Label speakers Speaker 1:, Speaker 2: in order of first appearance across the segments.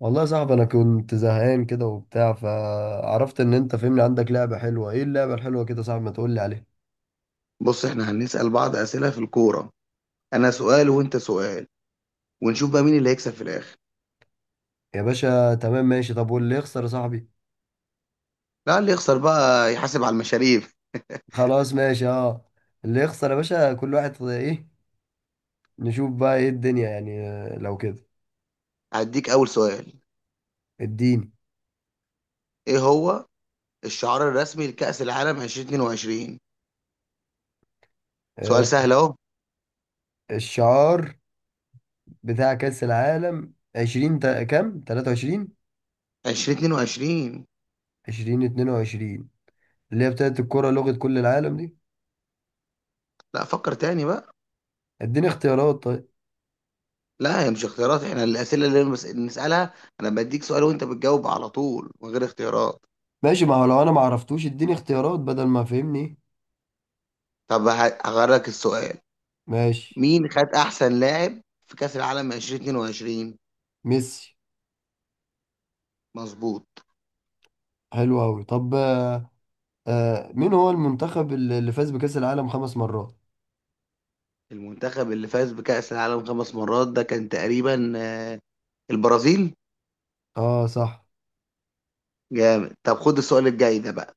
Speaker 1: والله يا صاحبي، انا كنت زهقان كده وبتاع، فعرفت ان انت فهمني. عندك لعبة حلوة؟ ايه اللعبة الحلوة كده يا صاحبي؟ ما تقول لي عليها.
Speaker 2: بص، احنا هنسأل بعض أسئلة في الكورة. أنا سؤال وأنت سؤال، ونشوف بقى مين اللي هيكسب في الآخر.
Speaker 1: يا باشا، تمام ماشي. طب واللي يخسر يا صاحبي؟
Speaker 2: لا، اللي يخسر بقى يحاسب على المشاريب.
Speaker 1: خلاص ماشي. اه. اللي يخسر يا باشا كل واحد ايه. نشوف بقى ايه الدنيا يعني. لو كده.
Speaker 2: هديك أول سؤال.
Speaker 1: اديني.
Speaker 2: إيه هو الشعار الرسمي لكأس العالم 2022؟ سؤال
Speaker 1: آه،
Speaker 2: سهل أهو.
Speaker 1: الشعار بتاع كأس العالم كام 23.
Speaker 2: 2022.
Speaker 1: 20 22. اللي هي بتاعت الكرة لغة كل العالم دي.
Speaker 2: لا، فكر تاني بقى.
Speaker 1: اديني اختيارات طيب.
Speaker 2: لا، هي مش اختيارات، احنا الأسئلة اللي نسألها. أنا بديك سؤال وأنت بتجاوب على طول من غير اختيارات.
Speaker 1: ماشي، ما هو لو انا ما عرفتوش اديني اختيارات بدل ما. فهمني.
Speaker 2: طب هغير لك السؤال.
Speaker 1: ماشي.
Speaker 2: مين خد أحسن لاعب في كأس العالم 2022؟
Speaker 1: ميسي.
Speaker 2: مظبوط.
Speaker 1: حلو أوي. طب. آه. مين هو المنتخب اللي فاز بكأس العالم خمس مرات؟
Speaker 2: المنتخب اللي فاز بكأس العالم خمس مرات ده كان تقريبا البرازيل.
Speaker 1: اه، صح.
Speaker 2: جامد. طب خد السؤال الجاي ده بقى.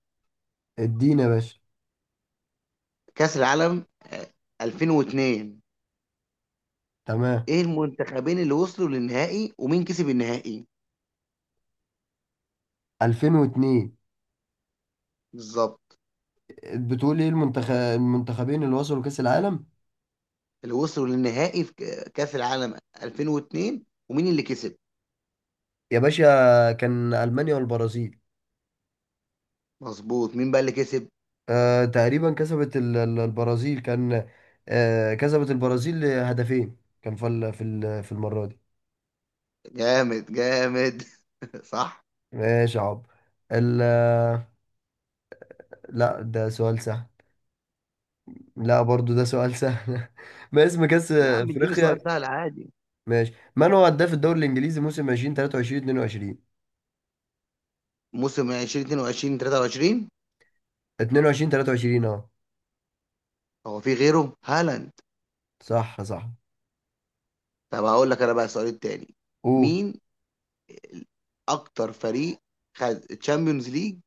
Speaker 1: ادينا يا باشا.
Speaker 2: كأس العالم 2002.
Speaker 1: تمام.
Speaker 2: ايه المنتخبين اللي وصلوا للنهائي ومين كسب النهائي؟
Speaker 1: 2002.
Speaker 2: بالظبط.
Speaker 1: بتقول ايه المنتخبين اللي وصلوا كأس العالم.
Speaker 2: اللي وصلوا للنهائي في كأس العالم 2002. ومين اللي كسب.
Speaker 1: يا باشا، كان ألمانيا والبرازيل.
Speaker 2: مظبوط. مين بقى اللي كسب.
Speaker 1: تقريبا كسبت البرازيل كان. كسبت البرازيل هدفين، كان في المرة دي.
Speaker 2: جامد جامد. صح.
Speaker 1: ماشي يا عب. ال... لا، ده سؤال سهل. لا، برضو ده سؤال سهل. ما اسم كأس
Speaker 2: يا عم اديني
Speaker 1: أفريقيا؟
Speaker 2: سؤال سهل عادي.
Speaker 1: ماشي. من هو هداف الدوري الإنجليزي موسم 2023 22؟
Speaker 2: موسم 2022 23.
Speaker 1: 22 23، اه.
Speaker 2: هو في غيره هالاند؟
Speaker 1: صح، صح.
Speaker 2: طب هقول لك انا بقى السؤال التاني.
Speaker 1: قول.
Speaker 2: مين اكتر فريق خد تشامبيونز ليج؟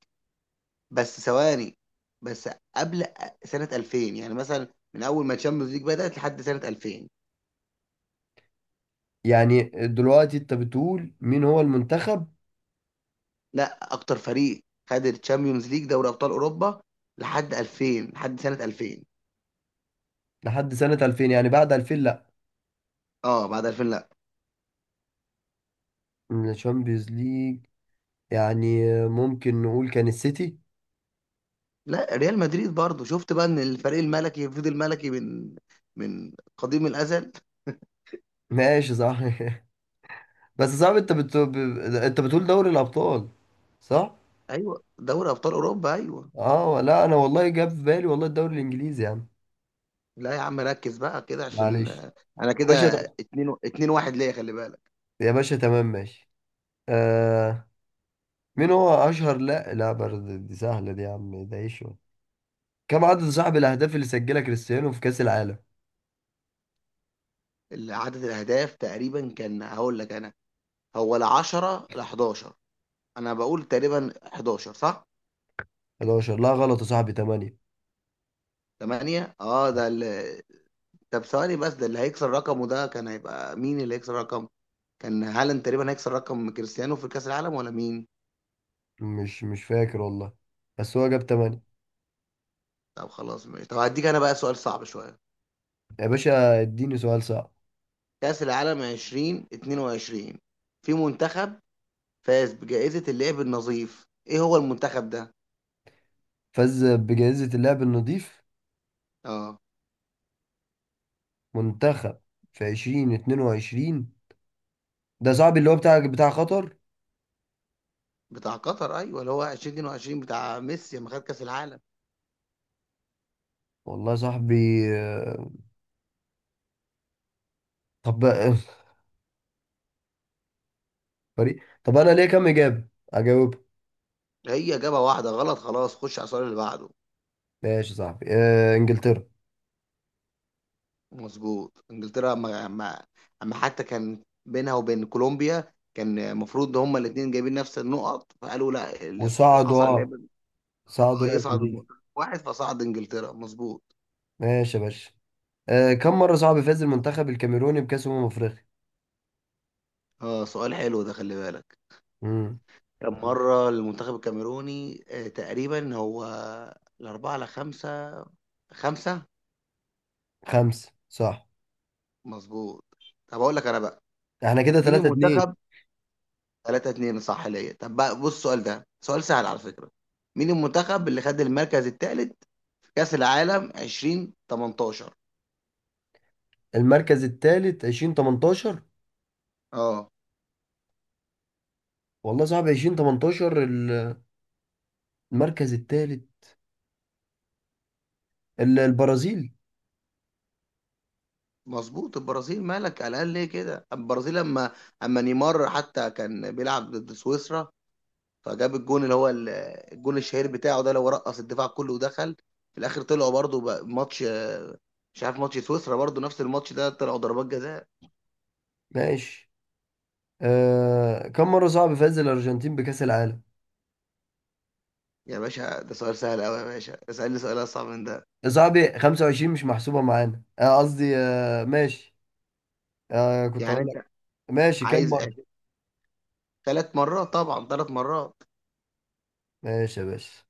Speaker 2: بس ثواني. بس. قبل سنة 2000 يعني مثلا. من اول ما تشامبيونز ليج بدأت لحد سنة 2000.
Speaker 1: يعني دلوقتي انت بتقول مين هو المنتخب؟
Speaker 2: لا، اكتر فريق خد التشامبيونز ليج دوري ابطال اوروبا لحد 2000. لحد سنة 2000.
Speaker 1: لحد سنة 2000، يعني بعد 2000 لا.
Speaker 2: اه، بعد 2000 لا.
Speaker 1: من الشامبيونز ليج. يعني ممكن نقول كان السيتي.
Speaker 2: لا، ريال مدريد. برضو شفت بقى ان الفريق الملكي فضل ملكي من من قديم الازل.
Speaker 1: ماشي، صح. بس صعب. انت انت بتقول دوري الأبطال، صح؟
Speaker 2: ايوه دوري ابطال اوروبا ايوه.
Speaker 1: اه، لا انا والله جاب في بالي والله الدوري الإنجليزي يعني.
Speaker 2: لا يا عم، ركز بقى كده عشان
Speaker 1: معلش.
Speaker 2: انا
Speaker 1: يا
Speaker 2: كده
Speaker 1: باشا.
Speaker 2: اتنين اتنين واحد ليا، خلي بالك.
Speaker 1: يا باشا، تمام ماشي. آه. مين هو اشهر لا، لا، برضه دي سهله دي يا عم. ده ايه شو؟ كم عدد صاحب الاهداف اللي سجلها كريستيانو في كاس العالم؟
Speaker 2: عدد الاهداف تقريبا كان هقول لك انا. هو، لا 10 لا 11. انا بقول تقريبا 11، صح؟
Speaker 1: 11؟ لا، غلط يا صاحبي. 8.
Speaker 2: 8. اه، ده اللي. طب ثواني بس، ده اللي هيكسر رقمه ده كان هيبقى مين؟ اللي هيكسر رقم، كان هالاند تقريبا هيكسر رقم كريستيانو في كاس العالم ولا مين؟
Speaker 1: مش فاكر والله. بس هو جاب 8.
Speaker 2: طب خلاص ماشي. طب هديك انا بقى سؤال صعب شويه.
Speaker 1: يا باشا، اديني سؤال صعب.
Speaker 2: كاس العالم 2022، في منتخب فاز بجائزه اللعب النظيف، ايه هو المنتخب ده؟
Speaker 1: فاز بجائزه اللاعب النظيف.
Speaker 2: اه.
Speaker 1: منتخب. في 2022. ده صاحبي اللي هو بتاع قطر.
Speaker 2: بتاع قطر، ايوه اللي هو 2022 بتاع ميسي لما خد كاس العالم.
Speaker 1: والله يا صاحبي. آه. طب. فريق. طب انا ليه كم اجابه؟ اجاوب؟
Speaker 2: هي جابها واحده غلط، خلاص خش على السؤال اللي بعده.
Speaker 1: ماشي يا صاحبي. انجلترا.
Speaker 2: مظبوط انجلترا. اما حتى كان بينها وبين كولومبيا، كان المفروض ان هما الاثنين جايبين نفس النقط، فقالوا لا اللي
Speaker 1: وصعدوا،
Speaker 2: حصل اللي
Speaker 1: اه. صعدوا
Speaker 2: اه
Speaker 1: لعبوا
Speaker 2: يصعد
Speaker 1: امريكا.
Speaker 2: المنتخب واحد، فصعد انجلترا مظبوط.
Speaker 1: ماشي يا باشا. كم مرة صعب فاز المنتخب الكاميروني بكأس أمم أفريقيا؟
Speaker 2: اه سؤال حلو ده، خلي بالك.
Speaker 1: امم.
Speaker 2: كان مره المنتخب الكاميروني تقريبا هو الاربعه على خمسه. خمسه.
Speaker 1: خمسة، صح.
Speaker 2: مظبوط. طب اقول لك انا بقى.
Speaker 1: احنا كده
Speaker 2: مين
Speaker 1: 3-2.
Speaker 2: المنتخب؟ 3 2 صح ليا. طب بقى بص، السؤال ده سؤال سهل على فكرة. مين المنتخب اللي خد المركز الثالث في كأس العالم 2018؟
Speaker 1: المركز الثالث 2018؟
Speaker 2: اه
Speaker 1: والله صعب. 2018 المركز الثالث. البرازيل.
Speaker 2: مظبوط، البرازيل. مالك؟ على الاقل ليه كده البرازيل؟ لما اما نيمار حتى كان بيلعب ضد سويسرا، فجاب الجون اللي هو الجون الشهير بتاعه ده، اللي هو رقص الدفاع كله ودخل. في الاخر طلعوا برضه بقى ماتش مش عارف، ماتش سويسرا برضه نفس الماتش ده طلعوا ضربات جزاء.
Speaker 1: ماشي. كم مرة صعب فاز الأرجنتين بكأس العالم؟
Speaker 2: يا باشا ده سؤال سهل قوي، يا باشا اسالني سؤال اصعب من ده.
Speaker 1: صعب. 25 مش محسوبة معانا. قصدي. ماشي. كنت
Speaker 2: يعني
Speaker 1: هقول لك.
Speaker 2: انت
Speaker 1: ماشي، كم
Speaker 2: عايز
Speaker 1: مرة؟
Speaker 2: أهداف. ثلاث مرات طبعا، ثلاث مرات.
Speaker 1: ماشي يا باشا.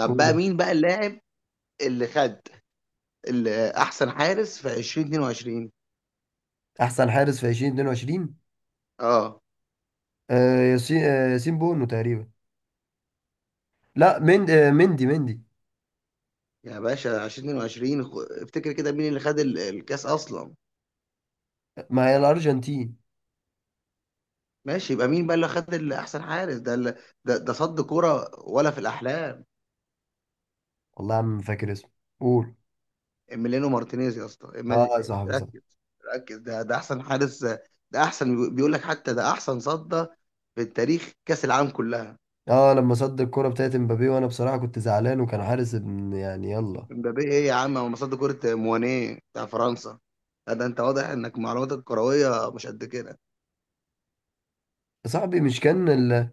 Speaker 2: طب بقى مين بقى اللاعب اللي خد اللي احسن حارس في 2022؟
Speaker 1: احسن حارس في 2022.
Speaker 2: اه.
Speaker 1: ياسين بونو تقريبا. لا، مندي.
Speaker 2: يا باشا 2022، افتكر كده مين اللي خد الكاس اصلا.
Speaker 1: ما هي الارجنتين.
Speaker 2: ماشي، يبقى مين بقى اللي خد اللي احسن حارس ده؟ اللي ده صد كوره ولا في الاحلام.
Speaker 1: والله يا عم، فاكر اسمه. قول.
Speaker 2: إميليانو مارتينيز يا اسطى.
Speaker 1: اه يا صاحبي، صح.
Speaker 2: ركز. ركز ده احسن حارس، ده احسن بيقول لك، حتى ده احسن صد في التاريخ كاس العالم كلها.
Speaker 1: اه، لما صد الكرة بتاعت مبابي. وانا بصراحة كنت زعلان، وكان حارس ابن يعني، يلا.
Speaker 2: مبابي ايه يا عم؟ هو مصاد كرة موانيه بتاع فرنسا. لا ده انت واضح انك معلوماتك الكروية مش قد كده.
Speaker 1: يا صاحبي، مش كان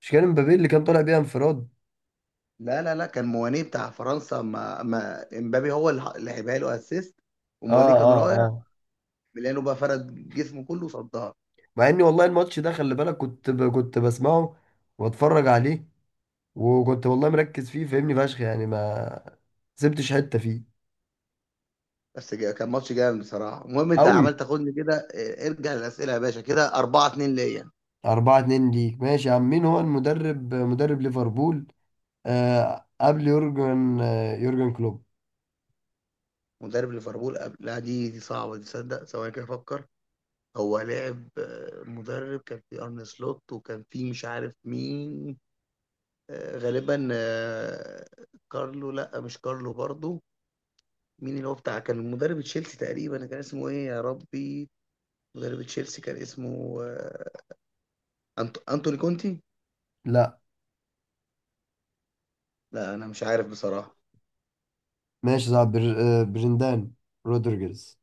Speaker 1: مش كان مبابي اللي كان طالع بيها انفراد؟
Speaker 2: لا لا لا، كان موانيه بتاع فرنسا، ما امبابي هو اللي لعبها له اسيست
Speaker 1: اه،
Speaker 2: وموانيه كان
Speaker 1: اه،
Speaker 2: رايح.
Speaker 1: اه.
Speaker 2: ميلانو بقى فرد جسمه كله صدها.
Speaker 1: مع اني والله الماتش ده، خلي بالك، كنت بسمعه، واتفرج عليه. وكنت والله مركز فيه فاهمني فشخ يعني، ما سبتش حتة فيه.
Speaker 2: بس كان ماتش جامد بصراحة. المهم انت
Speaker 1: قوي.
Speaker 2: عمال تاخدني كده، ارجع للأسئلة يا باشا. كده 4 2 ليا.
Speaker 1: 4-2 ليك. ماشي يا عم، مين هو المدرب؟ مدرب ليفربول. قبل يورجن كلوب.
Speaker 2: مدرب ليفربول قبل. لا دي صعبة دي، تصدق ثواني كده افكر. هو لعب مدرب. كان في ارن سلوت وكان في مش عارف مين. غالبا كارلو. لا مش كارلو برضو. مين اللي هو بتاع كان مدرب تشيلسي تقريبا كان اسمه ايه يا ربي؟ مدرب تشيلسي كان اسمه انتوني كونتي.
Speaker 1: لا.
Speaker 2: لا انا مش عارف بصراحة.
Speaker 1: ماشي يا صاحبي. برندان رودريجرز.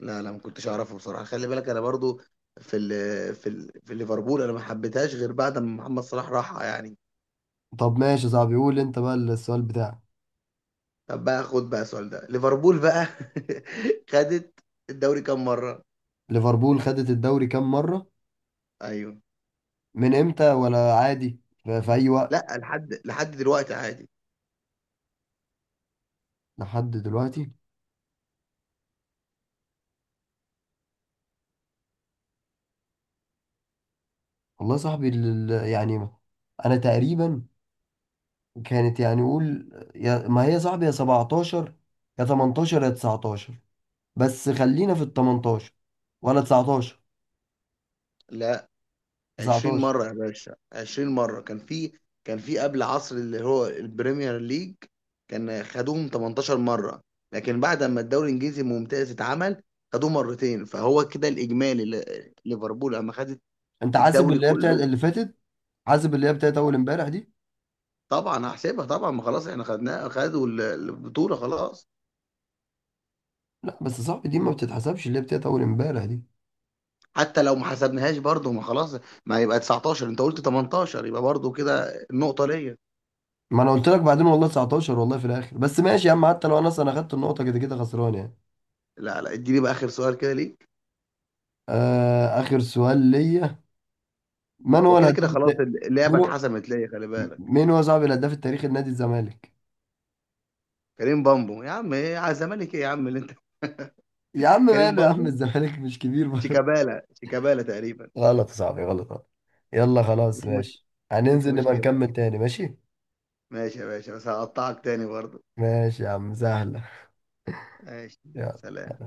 Speaker 2: لا لا، ما كنتش اعرفه بصراحة، خلي بالك انا برضو في في ليفربول انا ما حبيتهاش غير بعد ما محمد صلاح راح يعني.
Speaker 1: طب ماشي يا صاحبي. قول انت بقى السؤال بتاعك.
Speaker 2: طب بقى خد بقى السؤال ده. ليفربول بقى خدت الدوري كام مرة؟
Speaker 1: ليفربول خدت الدوري كام مرة؟
Speaker 2: ايوه.
Speaker 1: من امتى ولا عادي في اي وقت؟
Speaker 2: لا، لحد دلوقتي عادي.
Speaker 1: لحد دلوقتي. والله يا صاحبي، يعني انا تقريبا. كانت يعني، قول. يا ما هي يا صاحبي، يا 17، يا 18، يا 19. بس خلينا في ال 18 ولا 19.
Speaker 2: لا 20
Speaker 1: 19.
Speaker 2: مرة يا باشا، 20 مرة. كان في قبل عصر اللي هو البريمير ليج كان خدوهم 18 مرة. لكن بعد ما الدوري الانجليزي الممتاز اتعمل خدوه مرتين، فهو كده الاجمالي ليفربول لما خدت
Speaker 1: انت حاسب
Speaker 2: الدوري
Speaker 1: اللي هي بتاعت
Speaker 2: كله.
Speaker 1: اللي فاتت؟ حاسب اللي هي بتاعت اول امبارح دي؟
Speaker 2: طبعا هحسبها طبعا، ما خلاص احنا خدناه، خدوا البطولة خلاص.
Speaker 1: لا، بس صعب دي ما بتتحسبش اللي هي بتاعت اول امبارح دي.
Speaker 2: حتى لو ما حسبناهاش برضه، ما خلاص. ما يبقى 19، انت قلت 18، يبقى برضه كده النقطة ليا.
Speaker 1: ما انا قلت لك بعدين والله 19، والله في الاخر. بس ماشي يا عم، حتى لو انا اصلا اخدت النقطه كده كده خسران يعني.
Speaker 2: لا لا اديني بقى اخر سؤال كده ليك.
Speaker 1: اخر سؤال ليا. من هو
Speaker 2: وكده كده
Speaker 1: الهداف الت...
Speaker 2: خلاص اللعبة
Speaker 1: مين هو
Speaker 2: اتحسمت ليا، خلي بالك.
Speaker 1: مين هو صاحب الهداف التاريخي لنادي الزمالك؟
Speaker 2: كريم بامبو. يا عم ايه على الزمالك؟ ايه يا عم اللي انت.
Speaker 1: يا عم،
Speaker 2: كريم
Speaker 1: ماله يا عم؟
Speaker 2: بامبو.
Speaker 1: الزمالك مش كبير برضه؟
Speaker 2: شيكابالا. شيكابالا تقريبا.
Speaker 1: غلط يا صاحبي. غلط، غلط. يلا، خلاص
Speaker 2: مش مش
Speaker 1: ماشي.
Speaker 2: مش
Speaker 1: هننزل نبقى
Speaker 2: مشكلة.
Speaker 1: نكمل تاني ماشي.
Speaker 2: ماشي يا باشا، بس هقطعك تاني برضه.
Speaker 1: ماشي يا عم، سهلة.
Speaker 2: ماشي. سلام.
Speaker 1: يلا.